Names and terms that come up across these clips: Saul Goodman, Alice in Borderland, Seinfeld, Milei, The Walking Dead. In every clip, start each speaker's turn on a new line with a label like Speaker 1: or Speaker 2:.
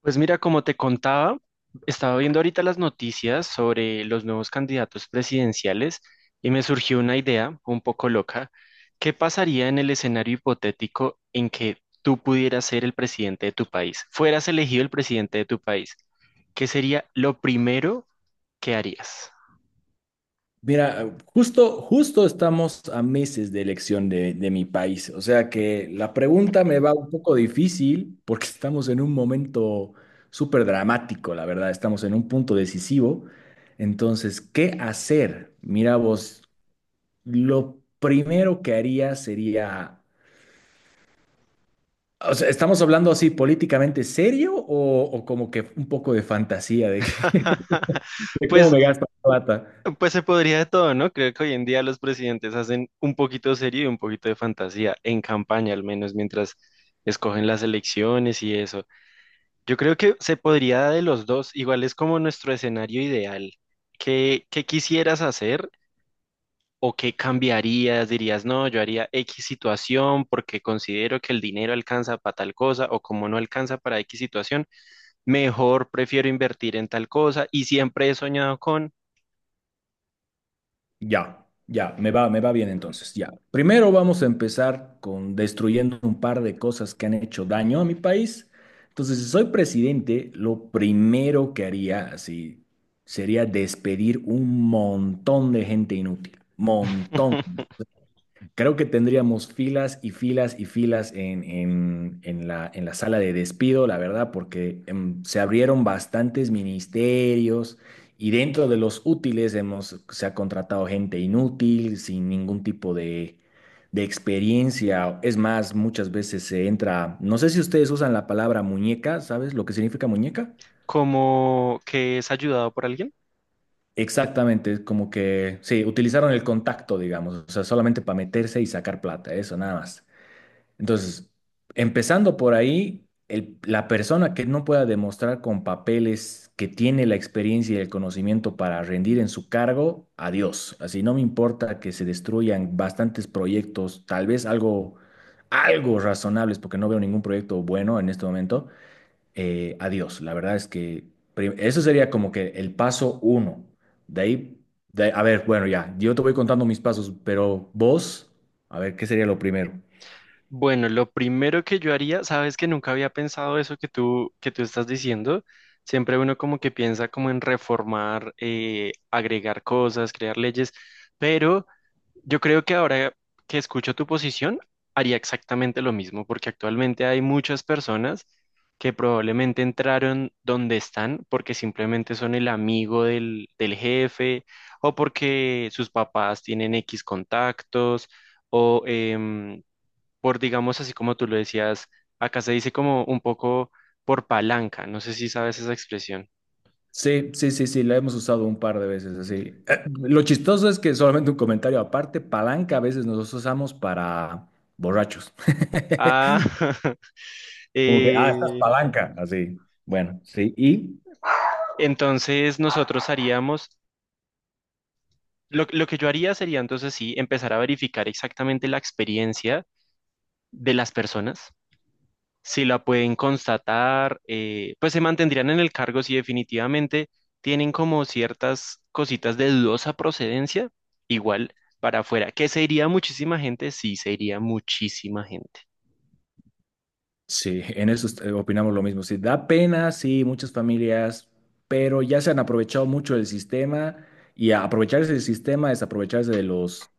Speaker 1: Pues mira, como te contaba, estaba viendo ahorita las noticias sobre los nuevos candidatos presidenciales y me surgió una idea un poco loca. ¿Qué pasaría en el escenario hipotético en que tú pudieras ser el presidente de tu país? Fueras elegido el presidente de tu país. ¿Qué sería lo primero que harías?
Speaker 2: Mira, justo estamos a meses de elección de mi país, o sea que la pregunta me va un poco difícil porque estamos en un momento súper dramático, la verdad, estamos en un punto decisivo. Entonces, ¿qué hacer? Mira vos, lo primero que haría sería, o sea, ¿estamos hablando así políticamente serio o como que un poco de fantasía de cómo
Speaker 1: Pues
Speaker 2: me gasto la plata?
Speaker 1: Pues se podría de todo, ¿no? Creo que hoy en día los presidentes hacen un poquito de serio y un poquito de fantasía, en campaña al menos, mientras escogen las elecciones y eso. Yo creo que se podría de los dos, igual es como nuestro escenario ideal. ¿Qué, qué quisieras hacer o qué cambiarías? Dirías, no, yo haría X situación porque considero que el dinero alcanza para tal cosa o como no alcanza para X situación, mejor prefiero invertir en tal cosa y siempre he soñado con...
Speaker 2: Ya, ya, me va bien entonces, ya. Primero vamos a empezar con destruyendo un par de cosas que han hecho daño a mi país. Entonces, si soy presidente, lo primero que haría así sería despedir un montón de gente inútil, montón. Creo que tendríamos filas y filas y filas en la sala de despido, la verdad, porque se abrieron bastantes ministerios y dentro de los útiles hemos, se ha contratado gente inútil, sin ningún tipo de experiencia. Es más, muchas veces se entra, no sé si ustedes usan la palabra muñeca. ¿Sabes lo que significa muñeca?
Speaker 1: Como que es ayudado por alguien.
Speaker 2: Exactamente, es como que, sí, utilizaron el contacto, digamos, o sea, solamente para meterse y sacar plata, eso nada más. Entonces, empezando por ahí, la persona que no pueda demostrar con papeles que tiene la experiencia y el conocimiento para rendir en su cargo, adiós. Así no me importa que se destruyan bastantes proyectos, tal vez algo razonables, porque no veo ningún proyecto bueno en este momento. Adiós. La verdad es que eso sería como que el paso uno. De ahí, a ver, bueno, ya, yo te voy contando mis pasos, pero vos, a ver, ¿qué sería lo primero?
Speaker 1: Bueno, lo primero que yo haría, sabes que nunca había pensado eso que tú estás diciendo. Siempre uno como que piensa como en reformar, agregar cosas, crear leyes, pero yo creo que ahora que escucho tu posición, haría exactamente lo mismo, porque actualmente hay muchas personas que probablemente entraron donde están porque simplemente son el amigo del jefe o porque sus papás tienen X contactos o por, digamos, así como tú lo decías, acá se dice como un poco por palanca, no sé si sabes esa expresión.
Speaker 2: Sí, sí, sí, sí, la hemos usado un par de veces así. Lo chistoso es que, solamente un comentario aparte, palanca a veces nosotros usamos para borrachos.
Speaker 1: Ah,
Speaker 2: Como que, ah, estás
Speaker 1: eh,
Speaker 2: palanca, así. Bueno, sí, y
Speaker 1: entonces nosotros haríamos lo que yo haría sería entonces sí empezar a verificar exactamente la experiencia de las personas, si la pueden constatar, pues se mantendrían en el cargo si definitivamente tienen como ciertas cositas de dudosa procedencia, igual para afuera. ¿Que se iría muchísima gente? Sí, se iría muchísima gente.
Speaker 2: sí, en eso opinamos lo mismo. Sí, da pena, sí, muchas familias, pero ya se han aprovechado mucho del sistema, y aprovecharse del sistema es aprovecharse de los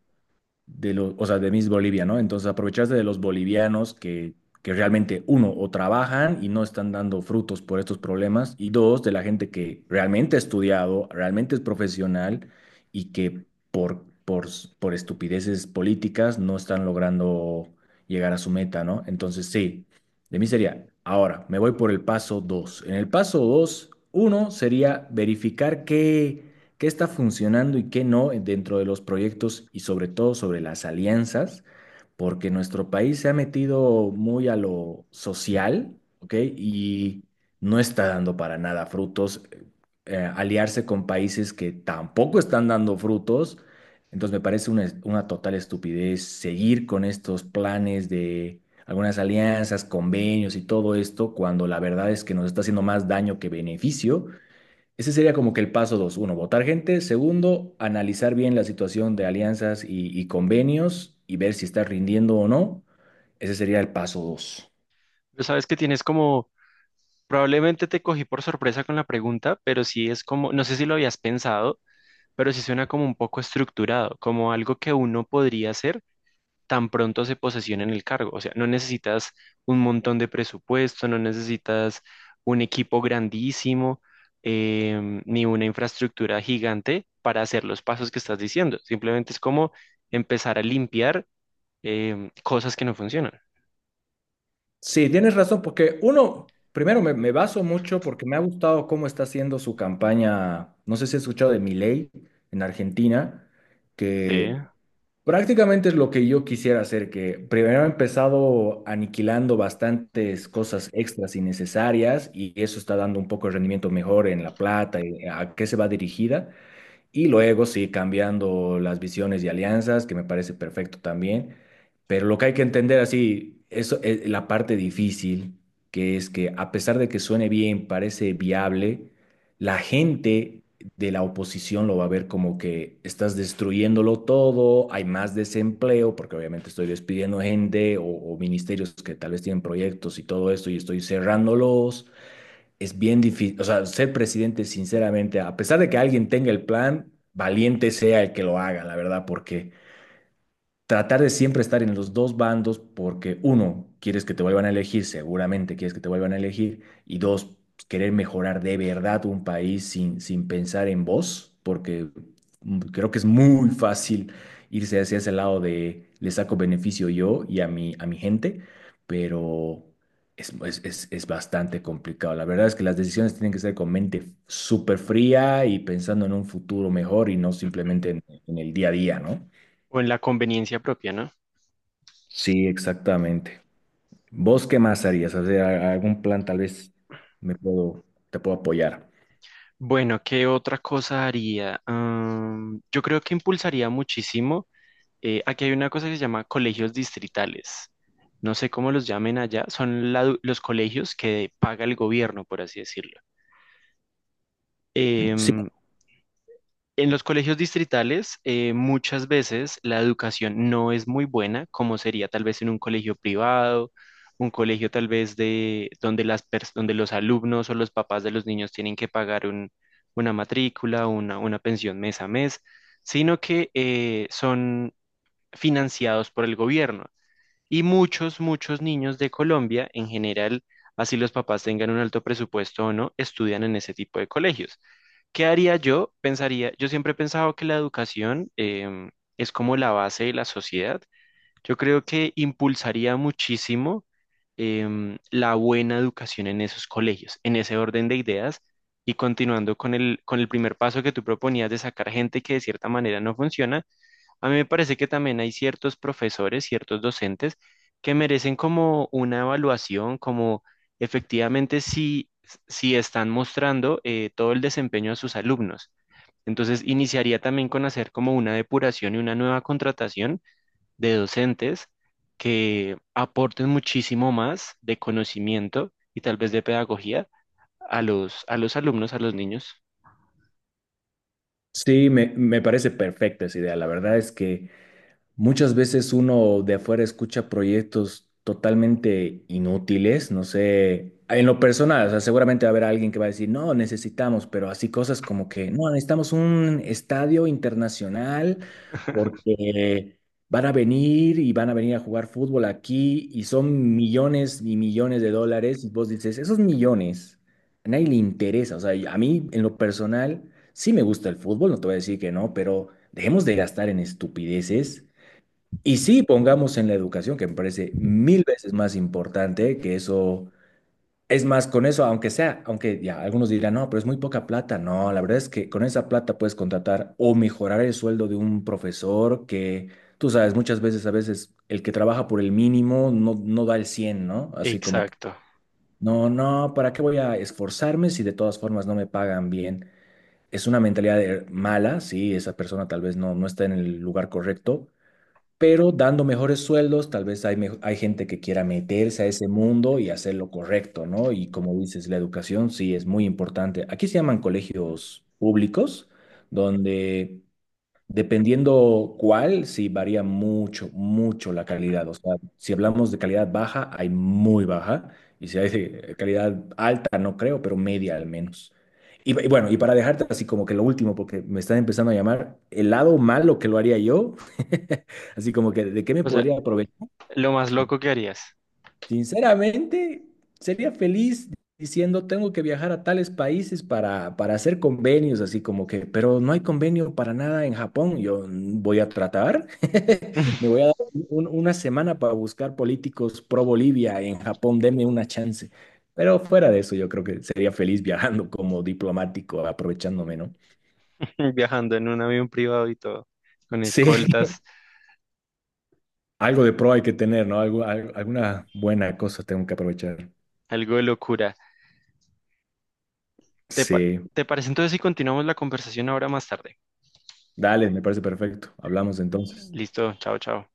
Speaker 2: de los, o sea, de Miss Bolivia, ¿no? Entonces aprovecharse de los bolivianos que realmente, uno, o trabajan y no están dando frutos por estos problemas, y dos, de la gente que realmente ha estudiado, realmente es profesional y que por, por, por estupideces políticas no están logrando llegar a su meta, ¿no? Entonces, sí, de mí sería, ahora, me voy por el paso dos. En el paso dos, uno sería verificar que qué está funcionando y qué no dentro de los proyectos y sobre todo sobre las alianzas, porque nuestro país se ha metido muy a lo social, ¿ok? Y no está dando para nada frutos. Aliarse con países que tampoco están dando frutos. Entonces me parece una total estupidez seguir con estos planes de algunas alianzas, convenios y todo esto, cuando la verdad es que nos está haciendo más daño que beneficio. Ese sería como que el paso dos. Uno, votar gente. Segundo, analizar bien la situación de alianzas y convenios y ver si está rindiendo o no. Ese sería el paso dos.
Speaker 1: Pero sabes que tienes como, probablemente te cogí por sorpresa con la pregunta, pero sí es como, no sé si lo habías pensado, pero sí suena como un poco estructurado, como algo que uno podría hacer tan pronto se posesiona en el cargo. O sea, no necesitas un montón de presupuesto, no necesitas un equipo grandísimo, ni una infraestructura gigante para hacer los pasos que estás diciendo. Simplemente es como empezar a limpiar cosas que no funcionan.
Speaker 2: Sí, tienes razón, porque uno, primero me baso mucho porque me ha gustado cómo está haciendo su campaña. No sé si has escuchado de Milei en Argentina.
Speaker 1: Sí.
Speaker 2: Que Prácticamente es lo que yo quisiera hacer, que primero he empezado aniquilando bastantes cosas extras innecesarias, y eso está dando un poco de rendimiento mejor en la plata y a qué se va dirigida. Y luego sí, cambiando las visiones y alianzas, que me parece perfecto también. Pero lo que hay que entender así, eso es la parte difícil, que es que a pesar de que suene bien, parece viable, la gente de la oposición lo va a ver como que estás destruyéndolo todo, hay más desempleo, porque obviamente estoy despidiendo gente o ministerios que tal vez tienen proyectos y todo esto y estoy cerrándolos. Es bien difícil, o sea, ser presidente, sinceramente, a pesar de que alguien tenga el plan, valiente sea el que lo haga, la verdad, porque tratar de siempre estar en los dos bandos, porque uno, quieres que te vuelvan a elegir, seguramente quieres que te vuelvan a elegir, y dos, querer mejorar de verdad un país sin pensar en vos, porque creo que es muy fácil irse hacia ese lado de le saco beneficio yo y a a mi gente, pero... Es bastante complicado. La verdad es que las decisiones tienen que ser con mente súper fría y pensando en un futuro mejor y no simplemente en el día a día, ¿no?
Speaker 1: O en la conveniencia propia, ¿no?
Speaker 2: Sí, exactamente. ¿Vos qué más harías? O sea, algún plan tal vez te puedo apoyar.
Speaker 1: Bueno, ¿qué otra cosa haría? Ah, yo creo que impulsaría muchísimo. Aquí hay una cosa que se llama colegios distritales. No sé cómo los llamen allá. Son la du- los colegios que paga el gobierno, por así decirlo.
Speaker 2: Sí,
Speaker 1: Em, en los colegios distritales, muchas veces la educación no es muy buena, como sería tal vez en un colegio privado, un colegio tal vez de donde las pers- donde los alumnos o los papás de los niños tienen que pagar un- una matrícula, una pensión mes a mes, sino que son financiados por el gobierno. Y muchos niños de Colombia, en general, así los papás tengan un alto presupuesto o no, estudian en ese tipo de colegios. ¿Qué haría yo? Pensaría, yo siempre he pensado que la educación, es como la base de la sociedad. Yo creo que impulsaría muchísimo la buena educación en esos colegios, en ese orden de ideas. Y continuando con el primer paso que tú proponías de sacar gente que de cierta manera no funciona, a mí me parece que también hay ciertos profesores, ciertos docentes que merecen como una evaluación, como efectivamente si, si están mostrando todo el desempeño de sus alumnos. Entonces, iniciaría también con hacer como una depuración y una nueva contratación de docentes que aporten muchísimo más de conocimiento y tal vez de pedagogía a los alumnos, a los niños.
Speaker 2: sí, me parece perfecta esa idea. La verdad es que muchas veces uno de afuera escucha proyectos totalmente inútiles, no sé, en lo personal, o sea, seguramente va a haber alguien que va a decir, no, necesitamos, pero así cosas como que, no, necesitamos un estadio internacional, porque van a venir y van a venir a jugar fútbol aquí y son millones y millones de dólares y vos dices, esos millones, a nadie le interesa, o sea, y a mí en lo personal sí me gusta el fútbol, no te voy a decir que no, pero dejemos de gastar en estupideces y sí, pongamos en la educación, que me parece mil veces más importante que eso. Es más, con eso, aunque sea, aunque ya algunos dirán, no, pero es muy poca plata. No, la verdad es que con esa plata puedes contratar o mejorar el sueldo de un profesor que, tú sabes, muchas veces, a veces, el que trabaja por el mínimo no da el cien, ¿no? Así como que,
Speaker 1: Exacto.
Speaker 2: no, no, ¿para qué voy a esforzarme si de todas formas no me pagan bien? Es una mentalidad mala, sí, esa persona tal vez no está en el lugar correcto, pero dando mejores sueldos, tal vez hay gente que quiera meterse a ese mundo y hacer lo correcto, ¿no? Y como dices, la educación sí es muy importante. Aquí se llaman colegios públicos, donde, dependiendo cuál, sí varía mucho, mucho la calidad. O sea, si hablamos de calidad baja, hay muy baja. Y si hay de calidad alta, no creo, pero media al menos. Y bueno, y para dejarte así como que lo último, porque me están empezando a llamar, el lado malo que lo haría yo, así como que, ¿de qué me
Speaker 1: O sea,
Speaker 2: podría aprovechar?
Speaker 1: lo más loco que harías.
Speaker 2: Sinceramente, sería feliz diciendo tengo que viajar a tales países para hacer convenios, así como que, pero no hay convenio para nada en Japón. Yo "Mm, voy a tratar, me voy a dar una semana para buscar políticos pro Bolivia en Japón, denme una chance". Pero fuera de eso, yo creo que sería feliz viajando como diplomático, aprovechándome, ¿no?
Speaker 1: Viajando en un avión privado y todo, con
Speaker 2: Sí,
Speaker 1: escoltas,
Speaker 2: algo de pro hay que tener, ¿no? Algo, alguna buena cosa tengo que aprovechar.
Speaker 1: algo de locura. ¿Te, pa-
Speaker 2: Sí,
Speaker 1: te parece entonces si continuamos la conversación ahora más tarde?
Speaker 2: dale, me parece perfecto. Hablamos entonces.
Speaker 1: Listo, chao, chao.